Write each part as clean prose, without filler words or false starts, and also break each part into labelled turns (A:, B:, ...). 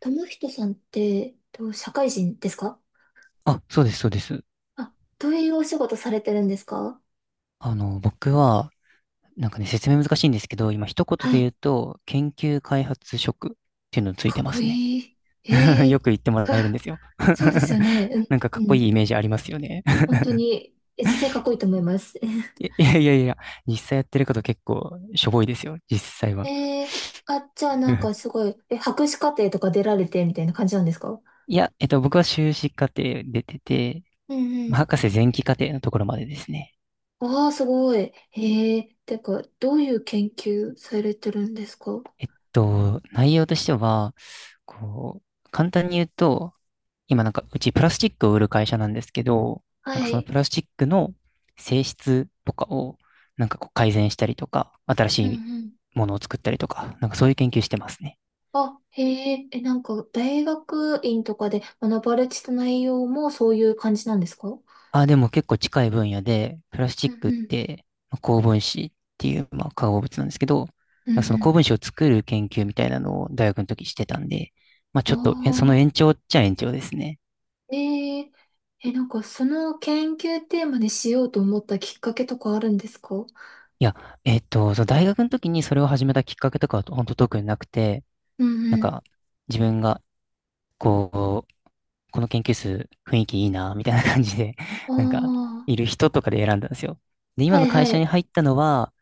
A: 友人さんって、と社会人ですか？
B: あ、そうです、そうです。
A: どういうお仕事されてるんですか？
B: 僕は、説明難しいんですけど、今一言
A: は
B: で言う
A: い。
B: と、研究開発職っていうのつい
A: か
B: て
A: っ
B: ま
A: こ
B: すね。
A: いい。え
B: よ
A: え。
B: く言ってもら
A: は
B: えるんで
A: あ。
B: すよ。
A: そうですよね。
B: なんかか
A: うん、
B: っ
A: う
B: こい
A: ん。
B: いイメージありますよね。
A: 本当に、実際かっこいいと思います。
B: いやいやいや、実際やってること結構しょぼいですよ、実際は。
A: ええ。あ、じゃあなんかす ごい、博士課程とか出られてみたいな感じなんですか？
B: いや、僕は修士課程出てて、
A: うんう
B: まあ
A: ん。
B: 博士前期課程のところまでですね。
A: ああ、すごい。てか、どういう研究されてるんですか？
B: えっと、内容としては、こう、簡単に言うと、今なんかうちプラスチックを売る会社なんですけど、なんか
A: は
B: その
A: い。
B: プラスチックの性質とかをなんかこう改善したりとか、新し
A: う
B: い
A: ん。
B: ものを作ったりとか、なんかそういう研究してますね。
A: あ、へえ、なんか、大学院とかで学ばれてた内容もそういう感じなんですか？う
B: あ、でも結構近い分野で、プラスチ
A: ん
B: ック
A: う
B: っ
A: ん。
B: て、まあ高分子っていう、まあ、化合物なんですけど、
A: う
B: なんかその高
A: ん
B: 分子を作る研究みたいなのを大学の時してたんで、まあ
A: う
B: ちょっとそ
A: ん。
B: の
A: あ
B: 延長っちゃ延長ですね。
A: あー、なんか、その研究テーマにしようと思ったきっかけとかあるんですか？
B: いや、その大学の時にそれを始めたきっかけとかは本当特になくて、
A: う
B: なん
A: ん。
B: か自分がこう、この研究室雰囲気いいな、みたいな感じで、
A: う
B: なんか、
A: ん。あ
B: いる人とかで選んだんですよ。で、
A: あー、
B: 今
A: は
B: の
A: い
B: 会
A: は
B: 社に
A: い、
B: 入ったのは、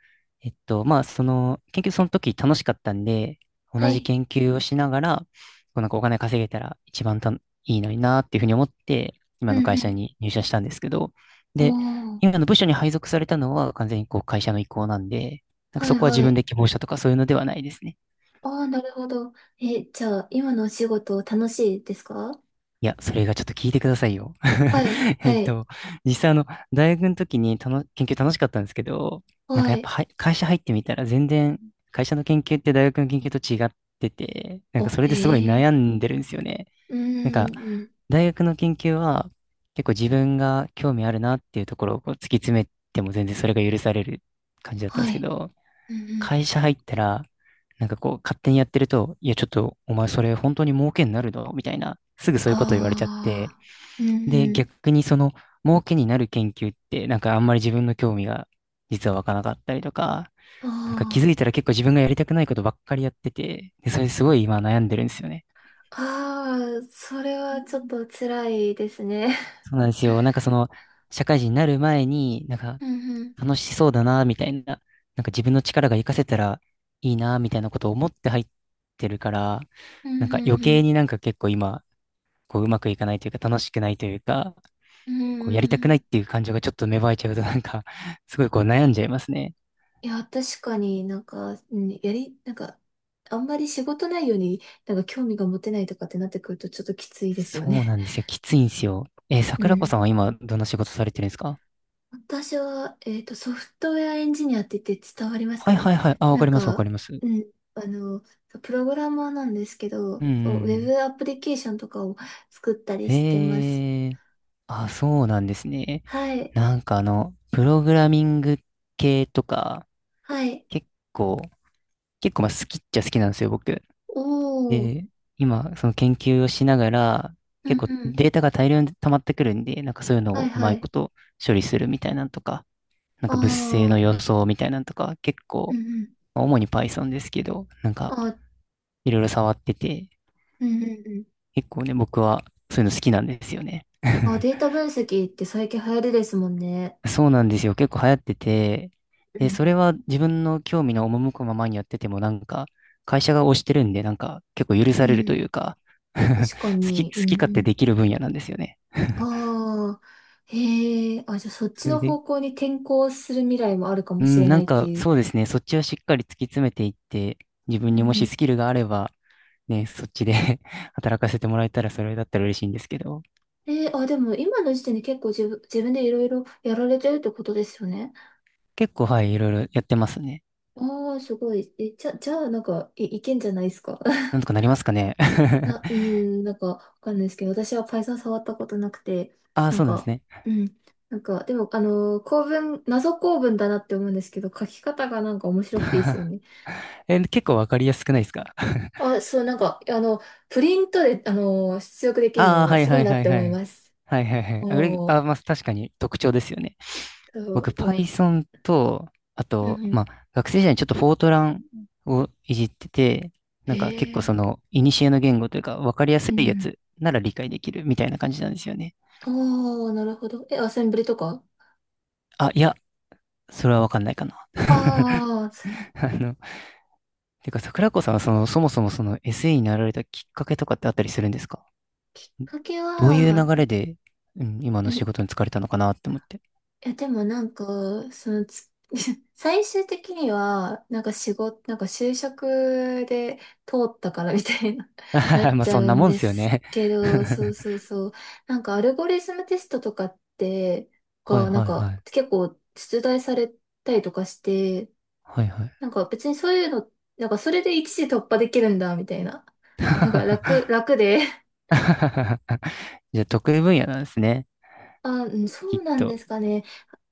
B: まあ、その、研究その時楽しかったんで、同
A: は
B: じ
A: い。
B: 研究をしながら、こうなんかお金稼げたら一番たいいのになっていうふうに思って、
A: う
B: 今
A: ん
B: の
A: う
B: 会社
A: ん。
B: に入社したんですけど、
A: お
B: で、
A: ー、
B: 今の部署に配属されたのは完全にこう会社の意向なんで、なんか
A: は
B: そ
A: い
B: こは
A: は
B: 自分
A: い。
B: で希望したとかそういうのではないですね。
A: ああ、なるほど。じゃあ、今のお仕事楽しいですか？
B: いや、それがちょっと聞いてくださいよ。
A: はい、
B: え
A: は
B: っ
A: い、
B: と、実際あの、大学の時にたの研究楽しかったんですけど、なんか
A: は
B: やっぱ
A: い。
B: はい会社入ってみたら全然、会社の研究って大学の研究と違ってて、なんか
A: あ、
B: それ
A: へ
B: ですごい悩
A: え。
B: んでるんですよね。
A: うー
B: なんか、
A: ん、うん。
B: 大学の研究は結構自分が興味あるなっていうところをこう突き詰めても全然それが許される感じだったんで
A: は
B: すけ
A: い。
B: ど、
A: うんうん。
B: 会社入ったら、なんかこう、勝手にやってると、いや、ちょっと、お前それ本当に儲けになるのみたいな、すぐそういうこと言われちゃって、
A: ああ、うん
B: で、
A: うん。
B: 逆にその、儲けになる研究って、なんかあんまり自分の興味が実は湧かなかったりとか、なんか気づ
A: あ
B: いたら結構自分がやりたくないことばっかりやってて、で、それすごい今悩んでるんですよね。
A: あ、ああ、それはちょっと辛いですね。
B: そうなんですよ。なんかその、社会人になる前に、なん か
A: うんうん、
B: 楽しそうだな、みたいな、なんか自分の力が活かせたらいいな、みたいなことを思って入ってるから、
A: うん
B: なん
A: う
B: か余
A: んう
B: 計
A: ん、
B: になんか結構今、こううまくいかないというか楽しくないというか、
A: うん
B: こう
A: うん
B: や
A: う
B: りたくないっ
A: ん。
B: ていう感情がちょっと芽生えちゃうとなんか、すごいこう悩んじゃいますね。
A: いや、確かになんか、うん、なんか、あんまり仕事内容になんか興味が持てないとかってなってくるとちょっときついです
B: そ
A: よ
B: う
A: ね。
B: なんですよ。きついんですよ。
A: う
B: 桜子さん
A: ん。
B: は今どんな仕事されてるんですか？
A: 私は、ソフトウェアエンジニアって言って伝わります
B: は
A: か
B: い
A: ね。
B: はいはい。あ、わ
A: な
B: か
A: ん
B: ります、わかり
A: か、
B: ます。うん
A: うん、プログラマーなんですけど、
B: う
A: そう、ウェ
B: ん
A: ブアプリケーションとかを作ったり
B: うん。
A: してます。
B: へえ、あ、そうなんですね。
A: はい、
B: なんかあの、プログラミング系とか、
A: はい。
B: 結構、まあ好きっちゃ好きなんですよ、僕。
A: おー、
B: で、今、その研究をしながら、
A: うんう
B: 結構
A: ん。
B: データが大量に溜まってくるんで、なんかそういうの
A: はい
B: をうま
A: は
B: いこ
A: い。
B: と処理するみたいなんとか、なんか物性の
A: あ
B: 予想みたいなんとか、結構、
A: ー、うんうん。
B: まあ主に Python ですけど、なんか
A: あ、
B: いろいろ触ってて、
A: うんうんうん。
B: 結構ね、僕はそういうの好きなんですよね。
A: あ、データ分析って最近流行りですもんね。
B: そうなんですよ。結構流行ってて、
A: う
B: で、
A: ん、
B: それは自分の興味の赴くままにやってても、なんか、会社が推してるんで、なんか、結構許
A: う
B: されると
A: ん
B: いうか
A: うん。確か
B: 好き、
A: に、う
B: 勝手で
A: ん。
B: きる分野なんですよね。
A: ああ、へえ、あ、じゃあそっち
B: それ
A: の
B: で、
A: 方向に転校する未来もあるか
B: う
A: もし
B: ん、
A: れ
B: な
A: な
B: ん
A: いって
B: か、
A: いう。
B: そうですね。そっちはしっかり突き詰めていって、自
A: う
B: 分
A: ん
B: にも
A: う
B: しス
A: ん。
B: キルがあれば、ね、そっちで 働かせてもらえたら、それだったら嬉しいんですけど、
A: あ、でも今の時点で結構自分でいろいろやられてるってことですよね。
B: 結構、はい、いろいろやってますね。
A: ああ、すごい。じゃあなんか、いけんじゃないですか。
B: なん とかなりますかね。
A: うん、なんか、わかんないですけど、私は Python 触ったことなくて、
B: ああ、
A: なん
B: そうなんです
A: か、
B: ね。
A: うん、なんか、でも、構文、謎構文だなって思うんですけど、書き方がなんか面白くていいですよ ね。
B: え、結構わかりやすくないですか？
A: あ、そう、なんか、プリントで、出力できる
B: ああ、
A: の、
B: はい
A: すご
B: は
A: い
B: い
A: なっ
B: はい
A: て
B: は
A: 思い
B: い。
A: ます。
B: はいはいはい。あ、れあ、
A: も
B: まあ、確かに特徴ですよね。
A: う、そ
B: 僕、
A: うもう、
B: Python と、あ
A: う
B: と、
A: んうん。
B: まあ、学生時代にちょっとフォートランをいじってて、な
A: へ
B: んか結構そ
A: え。
B: の、古の言語というか、わかりやす
A: う
B: いや
A: ん。
B: つなら理解できるみたいな感じなんですよね。
A: ああ、なるほど。アセンブリとか。
B: あ、いや、それはわかんないかな。
A: ああー、そう、きっ
B: あの、てか、桜子さんはその、そもそもその SE になられたきっかけとかってあったりするんですか？
A: かけ
B: どういう
A: は、
B: 流れで、うん、今の仕
A: え
B: 事に就かれたのかなって思って。
A: いや、でもなんか、そのつ、最終的には、なんか仕事、なんか就職で通ったからみたいな、なっ
B: まあ、
A: ちゃ
B: そん
A: う
B: な
A: ん
B: もん
A: で
B: ですよ
A: す
B: ね。
A: けど、そうそう そう。なんかアルゴリズムテストとかって、
B: はい
A: が、なん
B: はいは
A: か
B: い。
A: 結構出題されたりとかして、
B: はいはい。
A: なんか別にそういうの、なんかそれで一時突破できるんだ、みたいな。なんか楽で、
B: じゃあ、得意分野なんですね。
A: あ、うんそ
B: き
A: う
B: っ
A: なん
B: と。
A: ですかね。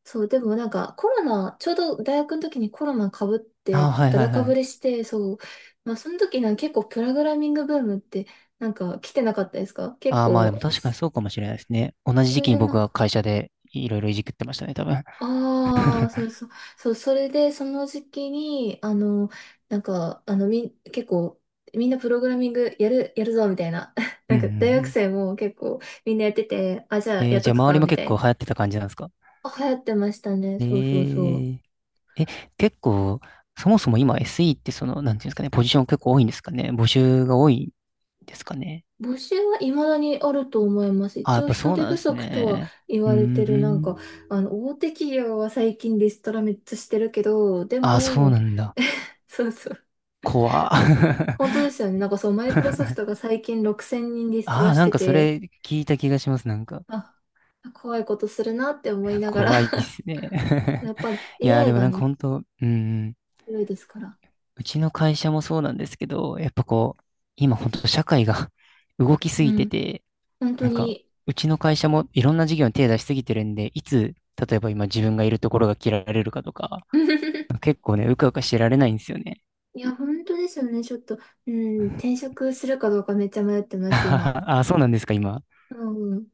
A: そう、でもなんかコロナ、ちょうど大学の時にコロナかぶっ
B: ああ、
A: て、
B: はい
A: だ
B: はい
A: だか
B: は
A: ぶ
B: い。
A: れして、そう、まあその時なんか結構プログラミングブームってなんか来てなかったですか？結
B: ああ、まあでも
A: 構、
B: 確かにそうかもしれないですね。同じ
A: そ
B: 時
A: れ
B: 期に
A: でな
B: 僕
A: ん
B: は
A: か、
B: 会社でいろいろいじくってましたね、多分。
A: ああ、そうそう、そう、それでその時期に、なんか、結構、みんなプログラミングやるぞ、みたいな。
B: う
A: なん
B: んう
A: か大学
B: んう
A: 生も結構みんなやってて、あ、じゃ
B: ん。
A: あ
B: え
A: や
B: ー、
A: っ
B: じ
A: と
B: ゃあ、
A: く
B: 周り
A: か、
B: も
A: みた
B: 結
A: い
B: 構
A: な。
B: 流行ってた感じなんですか？
A: あ、流行ってましたね。
B: え
A: そうそうそう。
B: ー、え、結構、そもそも今 SE ってその、なんていうんですかね、ポジション結構多いんですかね。募集が多いんですかね。
A: 募集は未だにあると思います。
B: ああ、
A: 一
B: やっ
A: 応
B: ぱ
A: 人
B: そう
A: 手
B: なんで
A: 不
B: す
A: 足とは
B: ね。
A: 言
B: うー
A: われてる、なんか、
B: ん。
A: 大手企業は最近リストラめっちゃしてるけど、で
B: あ、そうな
A: も、
B: んだ。
A: そうそう。
B: 怖。
A: 本当ですよね。なんかそう、マイクロソフトが 最近6000人リスト
B: あ
A: ラ
B: あ、
A: し
B: なん
A: て
B: かそ
A: て、
B: れ聞いた気がします。なんか、
A: あ、怖いことするなって思いながら
B: 怖いっすね。
A: やっぱり
B: いや、で
A: AI
B: も
A: が
B: なんか
A: ね、
B: 本当、うん、
A: 強いですから。
B: うちの会社もそうなんですけど、やっぱこう、今本当社会が 動きす
A: う
B: ぎて
A: ん。
B: て、
A: 本当
B: なんか、
A: に。
B: うちの会社もいろんな事業に手出しすぎてるんで、いつ、例えば今自分がいるところが切られるかとか、結構ね、うかうかしてられないんですよね。
A: いや、本当ですよね。ちょっと、うん、転職するかどうかめっちゃ迷って ます、今。
B: ああ、そうなんですか、今。
A: うん。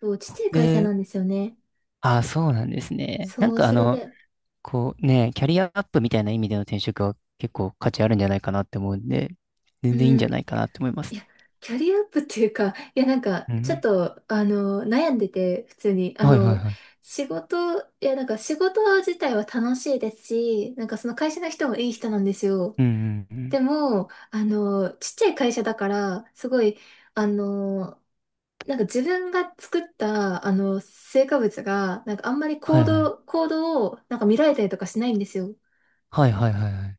A: そう、ちっちゃい会社
B: で、
A: なんですよね。
B: ああ、そうなんですね。なん
A: そう、
B: かあ
A: それ
B: の、
A: で、
B: こうね、キャリアアップみたいな意味での転職は結構価値あるんじゃないかなって思うんで、
A: う
B: 全然いいんじ
A: ん、
B: ゃないかなって思いま
A: い
B: す
A: や、キャリアアップっていうか、いや、なんか、
B: ね。う
A: ちょっ
B: ん。
A: と、悩んでて、普通に、
B: はいはいはい。
A: いや、なんか、仕事自体は楽しいですし、なんか、その会社の人もいい人なんですよ。
B: うんうんう
A: で
B: ん。
A: も、ちっちゃい会社だから、すごい、あの、なんか自分が作ったあの成果物がなんかあんまり
B: はいはい。
A: 行動をなんか見られたりとかしないんですよ。
B: はいはいはいはい。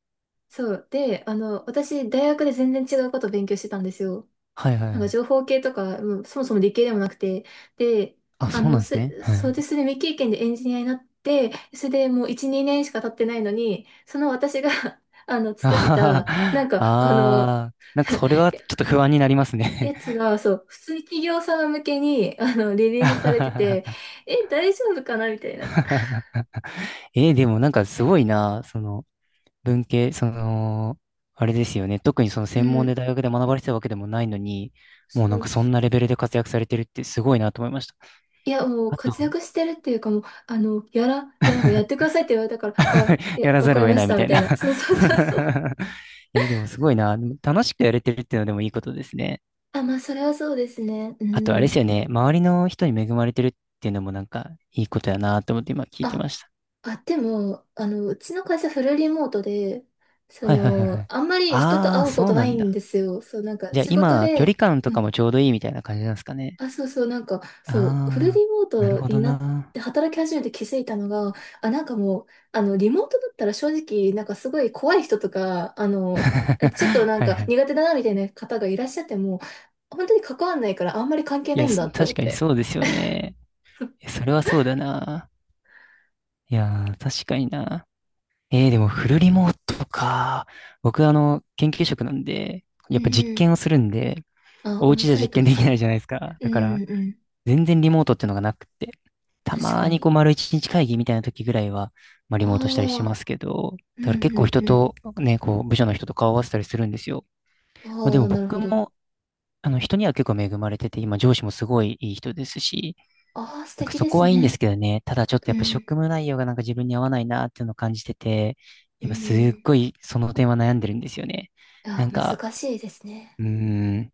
A: そう。で、私、大学で全然違うことを勉強してたんですよ。
B: はいは
A: な
B: い
A: ん
B: は
A: か
B: い。
A: 情報系とか、もうそもそも理系でもなくて。で、
B: あ、そうなんですね。は
A: そう
B: い。
A: ですね、未経験でエンジニアになって、それでもう1、2年しか経ってないのに、その私が あの、
B: あ
A: 作っ
B: はは
A: た、な
B: は
A: んか、この、
B: あー、なんかそれ はちょっと不安になりますね。
A: やつが、そう、普通に企業様向けに、リリースされてて、大丈夫かなみたいな。
B: えーでもなんかすごいな、その、文系、その、あれですよね。特にその
A: う
B: 専門で
A: ん。
B: 大学で学ばれてたわけでもないのに、もうな
A: そ
B: ん
A: う
B: かそんなレベルで活躍されてるってすごいなと思いました。
A: いや、もう
B: あと、
A: 活躍してるっていうかもう、いや、なんかやってく ださいって言われたから、あ、いや、
B: やら
A: わ
B: ざ
A: か
B: る
A: り
B: を得
A: ま
B: な
A: し
B: いみ
A: た、
B: た
A: み
B: い
A: たい
B: な
A: な。そうそうそうそう。
B: え、でもすごいな。でも楽しくやれてるっていうのでもいいことですね。
A: あ、まあ、それはそうですね。う
B: あとあれで
A: ん。
B: すよね。周りの人に恵まれてるっていうのもなんかいいことやなと思って今聞いて
A: あ、
B: ました。
A: あ、でも、うちの会社フルリモートで、そ
B: はいはいはいは
A: の、
B: い。
A: あんまり人と
B: ああ、
A: 会うこ
B: そう
A: と
B: な
A: ない
B: ん
A: ん
B: だ。
A: ですよ。そう、なんか
B: じゃあ
A: 仕事
B: 今、距離
A: で、
B: 感と
A: う
B: か
A: ん。
B: もちょうどいいみたいな感じなんですかね。
A: あ、そうそう、なんか、そう、フル
B: ああ、
A: リモー
B: なる
A: ト
B: ほ
A: に
B: ど
A: なっ
B: な。
A: て働き始めて気づいたのが、あ、なんかもう、あの、リモートだったら正直、なんかすごい怖い人とか、ちょっとなん
B: はいは
A: か
B: い。
A: 苦手だなみたいな方がいらっしゃっても、本当に関わんないからあんまり関係
B: い
A: ない
B: や、
A: ん
B: そ
A: だって思
B: 確
A: っ
B: かに
A: て。
B: そうですよね。いやそれはそうだな。いやー、確かにな。えー、でもフルリモートか。僕、あの、研究職なんで、
A: う
B: やっ
A: ん
B: ぱ実
A: うん。
B: 験をするんで、
A: あ、
B: お
A: オン
B: 家じゃ
A: サ
B: 実
A: イト
B: 験
A: で
B: で
A: す
B: き
A: よ
B: ないじゃ
A: ね。
B: ないですか。
A: う
B: だから、
A: んうん。
B: 全然リモートっていうのがなくって。た
A: 確
B: ま
A: か
B: にこ
A: に。
B: う、丸一日会議みたいな時ぐらいは、まあ、
A: あ
B: リモートしたりします
A: あ、
B: けど、
A: う
B: だから結
A: んう
B: 構
A: ん
B: 人
A: うん。
B: と、ね、こう、部署の人と顔を合わせたりするんですよ。まあ、
A: あ
B: でも
A: あ、なる
B: 僕
A: ほど。
B: も、あの、人には結構恵まれてて、今、上司もすごいいい人ですし、
A: ああ、素
B: なんか
A: 敵
B: そ
A: で
B: こ
A: す
B: はいいんです
A: ね。
B: けどね。ただちょっと
A: う
B: やっぱ職
A: ん。
B: 務内容がなんか自分に合わないなっていうのを感じてて、
A: う
B: 今すっ
A: ん。
B: ごいその点は悩んでるんですよね。な
A: あ
B: ん
A: あ、
B: か、
A: 難しいですね。
B: うーん、